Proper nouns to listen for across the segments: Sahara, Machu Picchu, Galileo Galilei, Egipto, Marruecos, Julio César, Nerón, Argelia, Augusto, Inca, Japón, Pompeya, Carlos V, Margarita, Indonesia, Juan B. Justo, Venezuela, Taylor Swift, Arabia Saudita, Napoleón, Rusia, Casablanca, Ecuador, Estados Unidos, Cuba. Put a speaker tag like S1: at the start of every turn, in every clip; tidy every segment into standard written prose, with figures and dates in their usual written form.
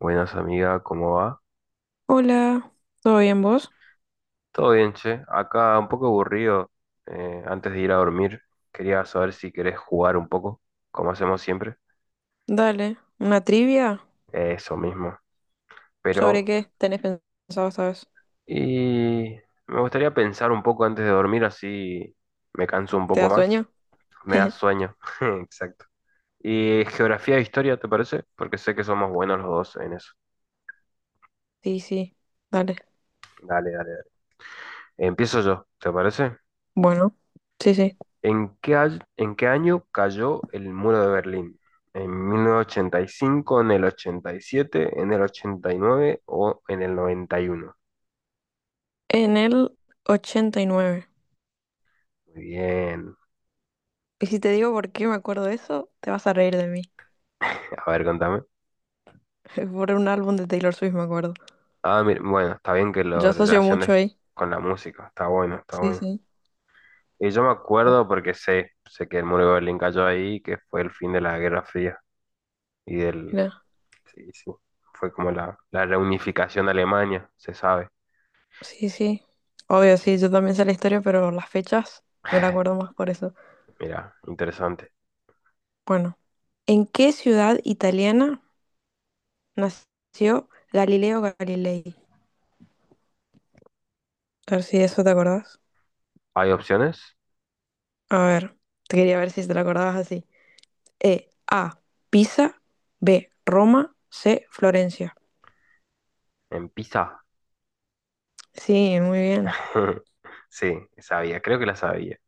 S1: Buenas amiga, ¿cómo va?
S2: Hola, ¿todo bien vos?
S1: Todo bien, che. Acá un poco aburrido. Antes de ir a dormir, quería saber si querés jugar un poco, como hacemos siempre.
S2: Dale, ¿una trivia?
S1: Eso mismo.
S2: ¿Sobre
S1: Pero,
S2: qué tenés pensado esta vez?
S1: y me gustaría pensar un poco antes de dormir, así me canso un
S2: ¿Te
S1: poco
S2: da
S1: más.
S2: sueño?
S1: Me da sueño. Exacto. ¿Y geografía e historia, te parece? Porque sé que somos buenos los dos en eso.
S2: Sí, sí, dale.
S1: Dale, dale, dale. Empiezo yo, ¿te parece?
S2: Bueno, sí, sí.
S1: ¿En qué año cayó el muro de Berlín? ¿En 1985, en el 87, en el 89 o en el 91?
S2: En el 89. Y nueve.
S1: Muy bien.
S2: Y si te digo por qué me acuerdo de eso, te vas a reír de mí.
S1: A ver, contame.
S2: Por un álbum de Taylor Swift me acuerdo.
S1: Ah, mira, bueno, está bien que
S2: Yo
S1: lo
S2: asocio mucho
S1: relaciones
S2: ahí.
S1: con la música. Está bueno, está
S2: Sí,
S1: bueno.
S2: sí.
S1: Y yo me
S2: Oh,
S1: acuerdo porque sé que el muro de Berlín cayó ahí, que fue el fin de la Guerra Fría y del...
S2: mira,
S1: Sí, sí. Fue como la reunificación de Alemania, se sabe.
S2: sí, sí. Obvio, sí, yo también sé la historia, pero las fechas me la acuerdo más por eso.
S1: Mira, interesante.
S2: Bueno, ¿en qué ciudad italiana nació Galileo Galilei? A ver si de eso te acordás.
S1: ¿Hay opciones?
S2: A ver, te quería ver si te lo acordabas así. E, A, Pisa, B, Roma, C, Florencia.
S1: En Pisa.
S2: Sí, muy bien.
S1: Sí, sabía, creo que la sabía.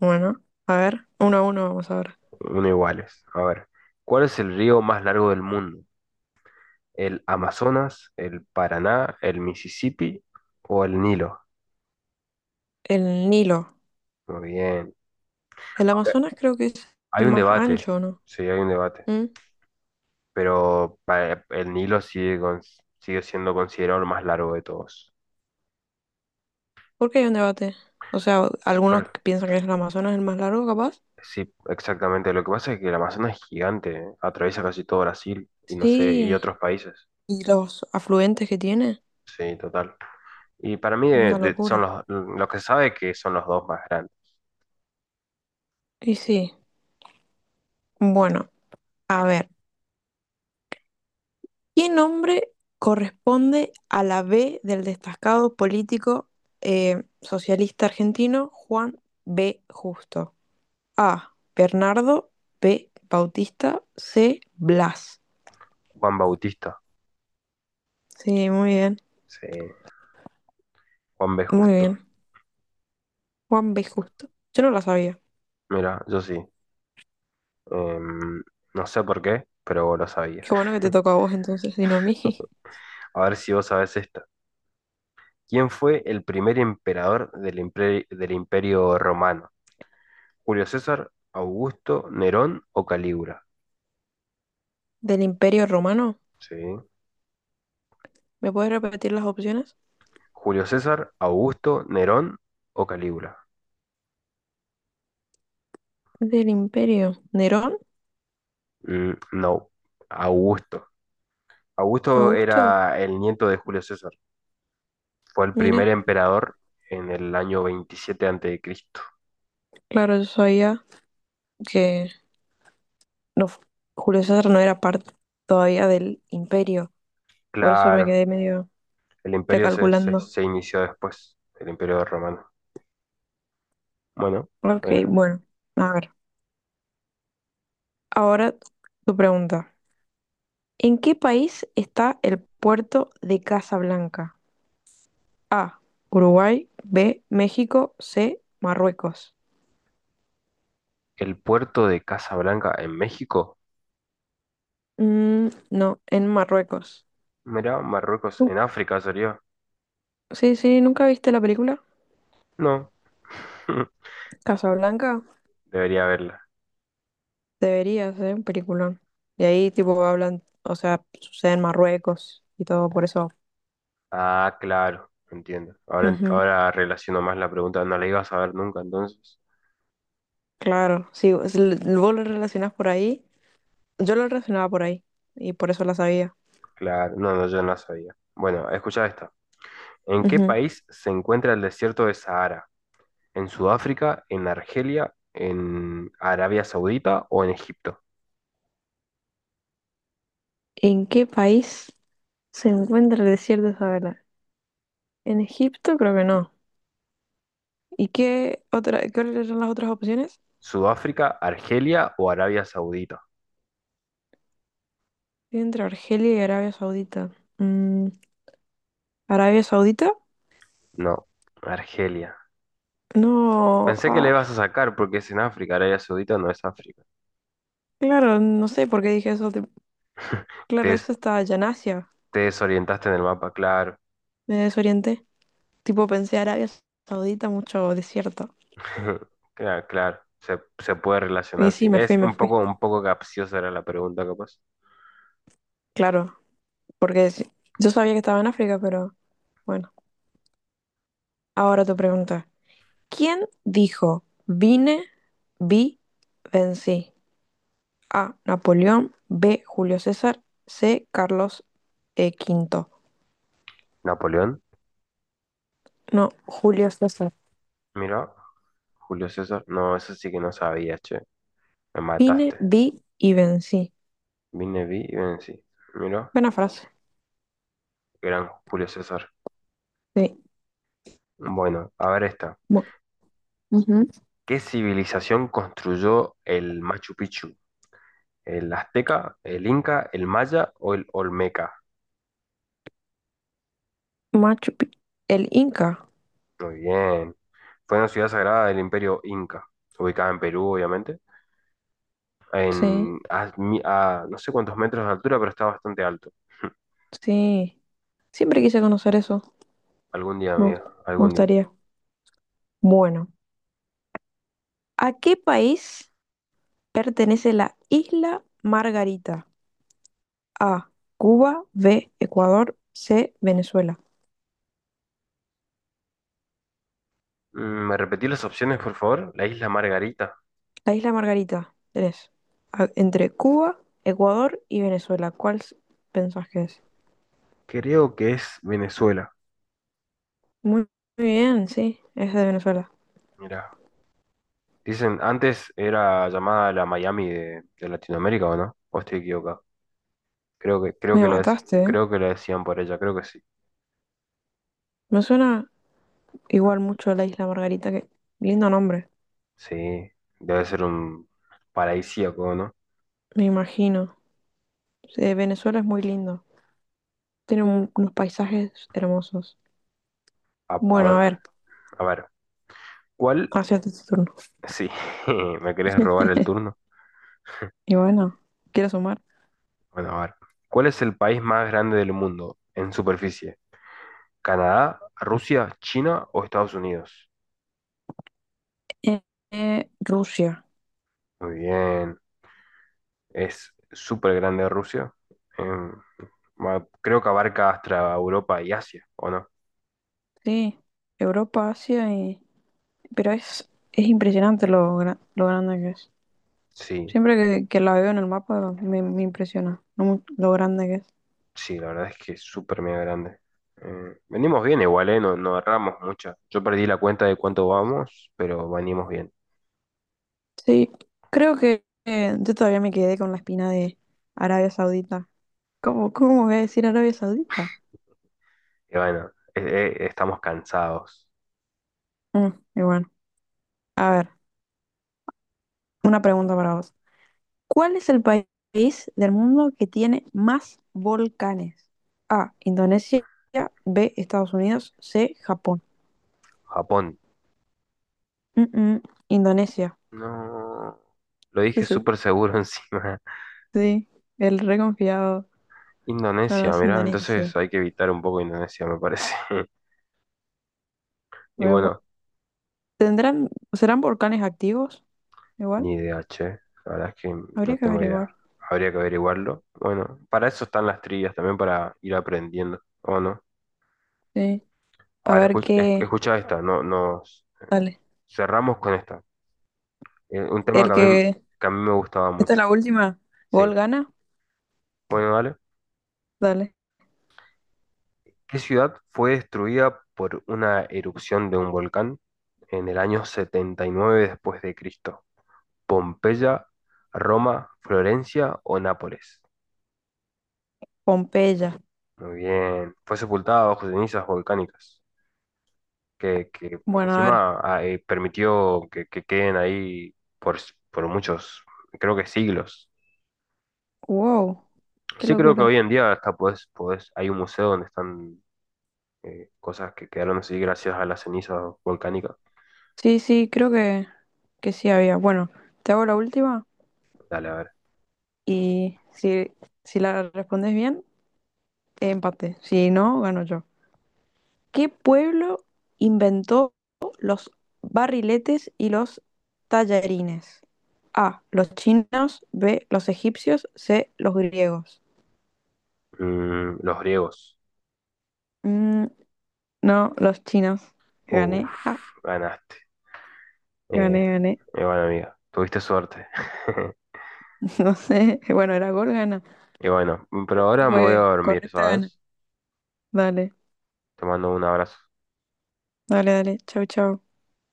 S2: Bueno, a ver, uno a uno vamos ahora.
S1: Uno iguales. A ver, ¿cuál es el río más largo del mundo? ¿El Amazonas, el Paraná, el Mississippi o el Nilo?
S2: El Nilo.
S1: Muy bien.
S2: El
S1: Ok,
S2: Amazonas creo que es
S1: hay
S2: el
S1: un
S2: más
S1: debate,
S2: ancho, ¿no?
S1: sí, hay un debate,
S2: ¿Mm?
S1: pero el Nilo sigue siendo considerado el más largo de todos.
S2: ¿Por qué hay un debate? O sea, algunos
S1: Por-
S2: que piensan que es el Amazonas el más largo, capaz.
S1: sí, exactamente. Lo que pasa es que el Amazonas es gigante, ¿eh? Atraviesa casi todo Brasil y no sé, y
S2: Sí,
S1: otros países.
S2: y los afluentes que tiene,
S1: Sí, total. Y para mí
S2: una
S1: son
S2: locura.
S1: lo que se sabe que son los dos más grandes.
S2: Y sí, bueno, a ver. ¿Qué nombre corresponde a la B del destacado político socialista argentino Juan B. Justo? A. Bernardo, B. Bautista, C. Blas.
S1: Juan Bautista,
S2: Sí, muy bien,
S1: sí, Juan B.
S2: muy
S1: Justo.
S2: bien. Juan B. Justo. Yo no la sabía.
S1: Mira, yo sí. Em, no sé por qué, pero vos lo sabías.
S2: Qué bueno que te toca a vos entonces, y no a mí.
S1: A ver si vos sabés esta. ¿Quién fue el primer emperador del Imperio Romano? ¿Julio César, Augusto, Nerón o Calígula?
S2: ¿Del Imperio Romano?
S1: Sí.
S2: ¿Me puedes repetir las opciones?
S1: ¿Julio César, Augusto, Nerón o Calígula?
S2: Del Imperio. ¿Nerón?
S1: No, Augusto. Augusto
S2: ¿Augusto?
S1: era el nieto de Julio César. Fue el primer
S2: Mira,
S1: emperador en el año 27 antes de Cristo.
S2: claro, yo sabía que no, Julio César no era parte todavía del imperio, por eso me
S1: Claro,
S2: quedé medio
S1: el imperio se, se-
S2: recalculando.
S1: se inició después, el imperio romano. Bueno,
S2: Ok,
S1: eh,
S2: bueno, a ver. Ahora tu pregunta. ¿En qué país está el puerto de Casablanca? A. Uruguay. B. México. C. Marruecos.
S1: el puerto de Casablanca en México.
S2: Mm, no, en Marruecos.
S1: Mirá, Marruecos
S2: Uh,
S1: en África sería.
S2: sí, sí, ¿nunca viste la película?
S1: No,
S2: Casablanca.
S1: debería haberla.
S2: Debería ser un peliculón. Y ahí tipo hablan, o sea, sucede en Marruecos y todo por eso.
S1: Ah, claro, entiendo. Ahora, ent-
S2: Ujú.
S1: ahora relaciono más la pregunta. No la ibas a ver nunca entonces.
S2: Claro, sí, vos lo relacionas por ahí. Yo lo relacionaba por ahí y por eso la sabía.
S1: Claro, no, no, yo no la sabía. Bueno, escucha esta. ¿En qué
S2: Ujú.
S1: país se encuentra el desierto de Sahara? ¿En Sudáfrica, en Argelia, en Arabia Saudita o en Egipto?
S2: ¿En qué país se encuentra el desierto de Sahara? En Egipto, creo que no. ¿Y qué otra, cuáles eran las otras opciones?
S1: Sudáfrica, Argelia o Arabia Saudita.
S2: Estoy entre Argelia y Arabia Saudita. Mm, ¿Arabia Saudita?
S1: No, Argelia.
S2: No,
S1: Pensé que le
S2: ah,
S1: ibas a sacar porque es en África. Arabia Saudita no es África.
S2: claro, no sé por qué dije eso.
S1: Te,
S2: Claro,
S1: des-
S2: eso está allá en Asia,
S1: te desorientaste en el mapa, claro.
S2: me desorienté. Tipo, pensé Arabia Saudita, mucho desierto.
S1: Claro, claro. Se puede
S2: Y
S1: relacionar, sí.
S2: sí, me
S1: Es
S2: fui, me fui.
S1: un poco capciosa era la pregunta, capaz.
S2: Claro, porque sí, yo sabía que estaba en África, pero bueno, ahora tu pregunta. ¿Quién dijo vine, vi, vencí? A. Napoleón. B. Julio César. C. Carlos V.
S1: Napoleón,
S2: No, Julio César.
S1: mira. Julio César. No, eso sí que no sabía, che. Me
S2: Vine,
S1: mataste.
S2: vi y vencí.
S1: Vine, vi, y sí. Mira.
S2: Buena frase.
S1: Gran Julio César.
S2: Sí.
S1: Bueno, a ver esta.
S2: Bu- Ujú.
S1: ¿Qué civilización construyó el Machu Picchu? ¿El azteca, el inca, el maya o el olmeca?
S2: Machu Picchu. El Inca.
S1: Muy bien. Fue una ciudad sagrada del Imperio Inca, ubicada en Perú, obviamente,
S2: Sí,
S1: a no sé cuántos metros de altura, pero está bastante alto.
S2: sí. Siempre quise conocer eso.
S1: Algún día,
S2: Me
S1: amiga,
S2: gust- Me
S1: algún día.
S2: gustaría. Bueno, ¿a qué país pertenece la isla Margarita? A. Cuba. B. Ecuador. C. Venezuela.
S1: Mm, ¿me repetí las opciones, por favor? La isla Margarita.
S2: La isla Margarita. Tenés entre Cuba, Ecuador y Venezuela. ¿Cuál pensás que es?
S1: Creo que es Venezuela.
S2: Muy, muy bien, sí. Es de Venezuela.
S1: Mira, dicen, antes era llamada la Miami de Latinoamérica, ¿o no? ¿O estoy equivocado? Creo que, creo que
S2: Me
S1: lo, es-
S2: mataste, ¿eh?
S1: creo que la decían por ella, creo que sí.
S2: Me suena igual mucho a la isla Margarita. Lindo nombre.
S1: Sí, debe ser un paradisíaco, ¿no?
S2: Me imagino. Sí, Venezuela es muy lindo. Tiene unos paisajes hermosos.
S1: A
S2: Bueno,
S1: ver,
S2: a ver.
S1: a ver, ¿cuál?
S2: Hacerte tu turno.
S1: Sí, ¿me querés robar el turno?
S2: Y bueno, quiero sumar.
S1: Bueno, a ver. ¿Cuál es el país más grande del mundo en superficie? ¿Canadá, Rusia, China o Estados Unidos?
S2: Eh, Rusia,
S1: Muy bien, es súper grande Rusia. Em, Creo que abarca hasta Europa y Asia, ¿o no?
S2: sí, Europa, Asia. Pero es impresionante lo grande que es.
S1: Sí,
S2: Siempre que la veo en el mapa me impresiona lo grande que es.
S1: sí, la verdad es que es súper mega grande. Venimos bien igual, ¿eh? No, no erramos mucho. Yo perdí la cuenta de cuánto vamos, pero venimos bien.
S2: Sí, creo que yo todavía me quedé con la espina de Arabia Saudita. ¿Cómo, cómo voy a decir Arabia Saudita?
S1: Y bueno, eh, estamos cansados.
S2: Mm, y bueno, a ver, una pregunta para vos. ¿Cuál es el país del mundo que tiene más volcanes? A, Indonesia, B, Estados Unidos, C, Japón.
S1: Japón.
S2: Mm, mm, Indonesia.
S1: No. Lo dije súper seguro encima.
S2: Sí, el reconfiado. No, no
S1: Indonesia,
S2: es
S1: mirá, entonces
S2: Indonesia.
S1: hay que evitar un poco Indonesia, me parece. Y
S2: Pero,
S1: bueno,
S2: ¿Tendrán, serán volcanes activos? Igual,
S1: ni idea, che. La verdad es que
S2: habría
S1: no
S2: que
S1: tengo idea.
S2: averiguar.
S1: Habría que averiguarlo. Bueno, para eso están las trillas, también para ir aprendiendo. ¿O no?
S2: Sí.
S1: A
S2: A
S1: ver,
S2: ver qué.
S1: escucha, esta, no, no.
S2: Dale.
S1: Cerramos con esta. Un tema que
S2: El
S1: a mí,
S2: que.
S1: que a mí me gustaba
S2: Esta es
S1: mucho.
S2: la última. ¿Gol
S1: Sí.
S2: gana?
S1: Bueno, dale.
S2: Dale.
S1: ¿Qué ciudad fue destruida por una erupción de un volcán en el año 79 después de Cristo? ¿Pompeya, Roma, Florencia o Nápoles?
S2: Pompeya.
S1: Muy bien. Fue sepultada bajo cenizas volcánicas, que
S2: Bueno, a ver.
S1: encima permitió que queden ahí por muchos, creo que siglos.
S2: Wow. Qué
S1: Sí, creo que hoy
S2: locura.
S1: en día hasta hay un museo donde están cosas que quedaron así gracias a las cenizas volcánicas.
S2: Sí, sí, creo que sí había. Bueno, te hago la última
S1: Dale, a ver.
S2: y si la respondes bien, empate. Si no, gano yo. ¿Qué pueblo inventó los barriletes y los tallarines? A, los chinos, B, los egipcios, C, los griegos.
S1: Los griegos.
S2: Mm, no, los chinos. Gané,
S1: Uf,
S2: ja,
S1: ganaste. Eh,
S2: gané, gané.
S1: y bueno, amiga, tuviste suerte.
S2: No sé, bueno, era gol, gana.
S1: Y bueno, pero ahora me voy a
S2: Fue
S1: dormir,
S2: correcta, gana.
S1: ¿sabes?
S2: Dale,
S1: Te mando un abrazo.
S2: dale, dale. Chau, chau.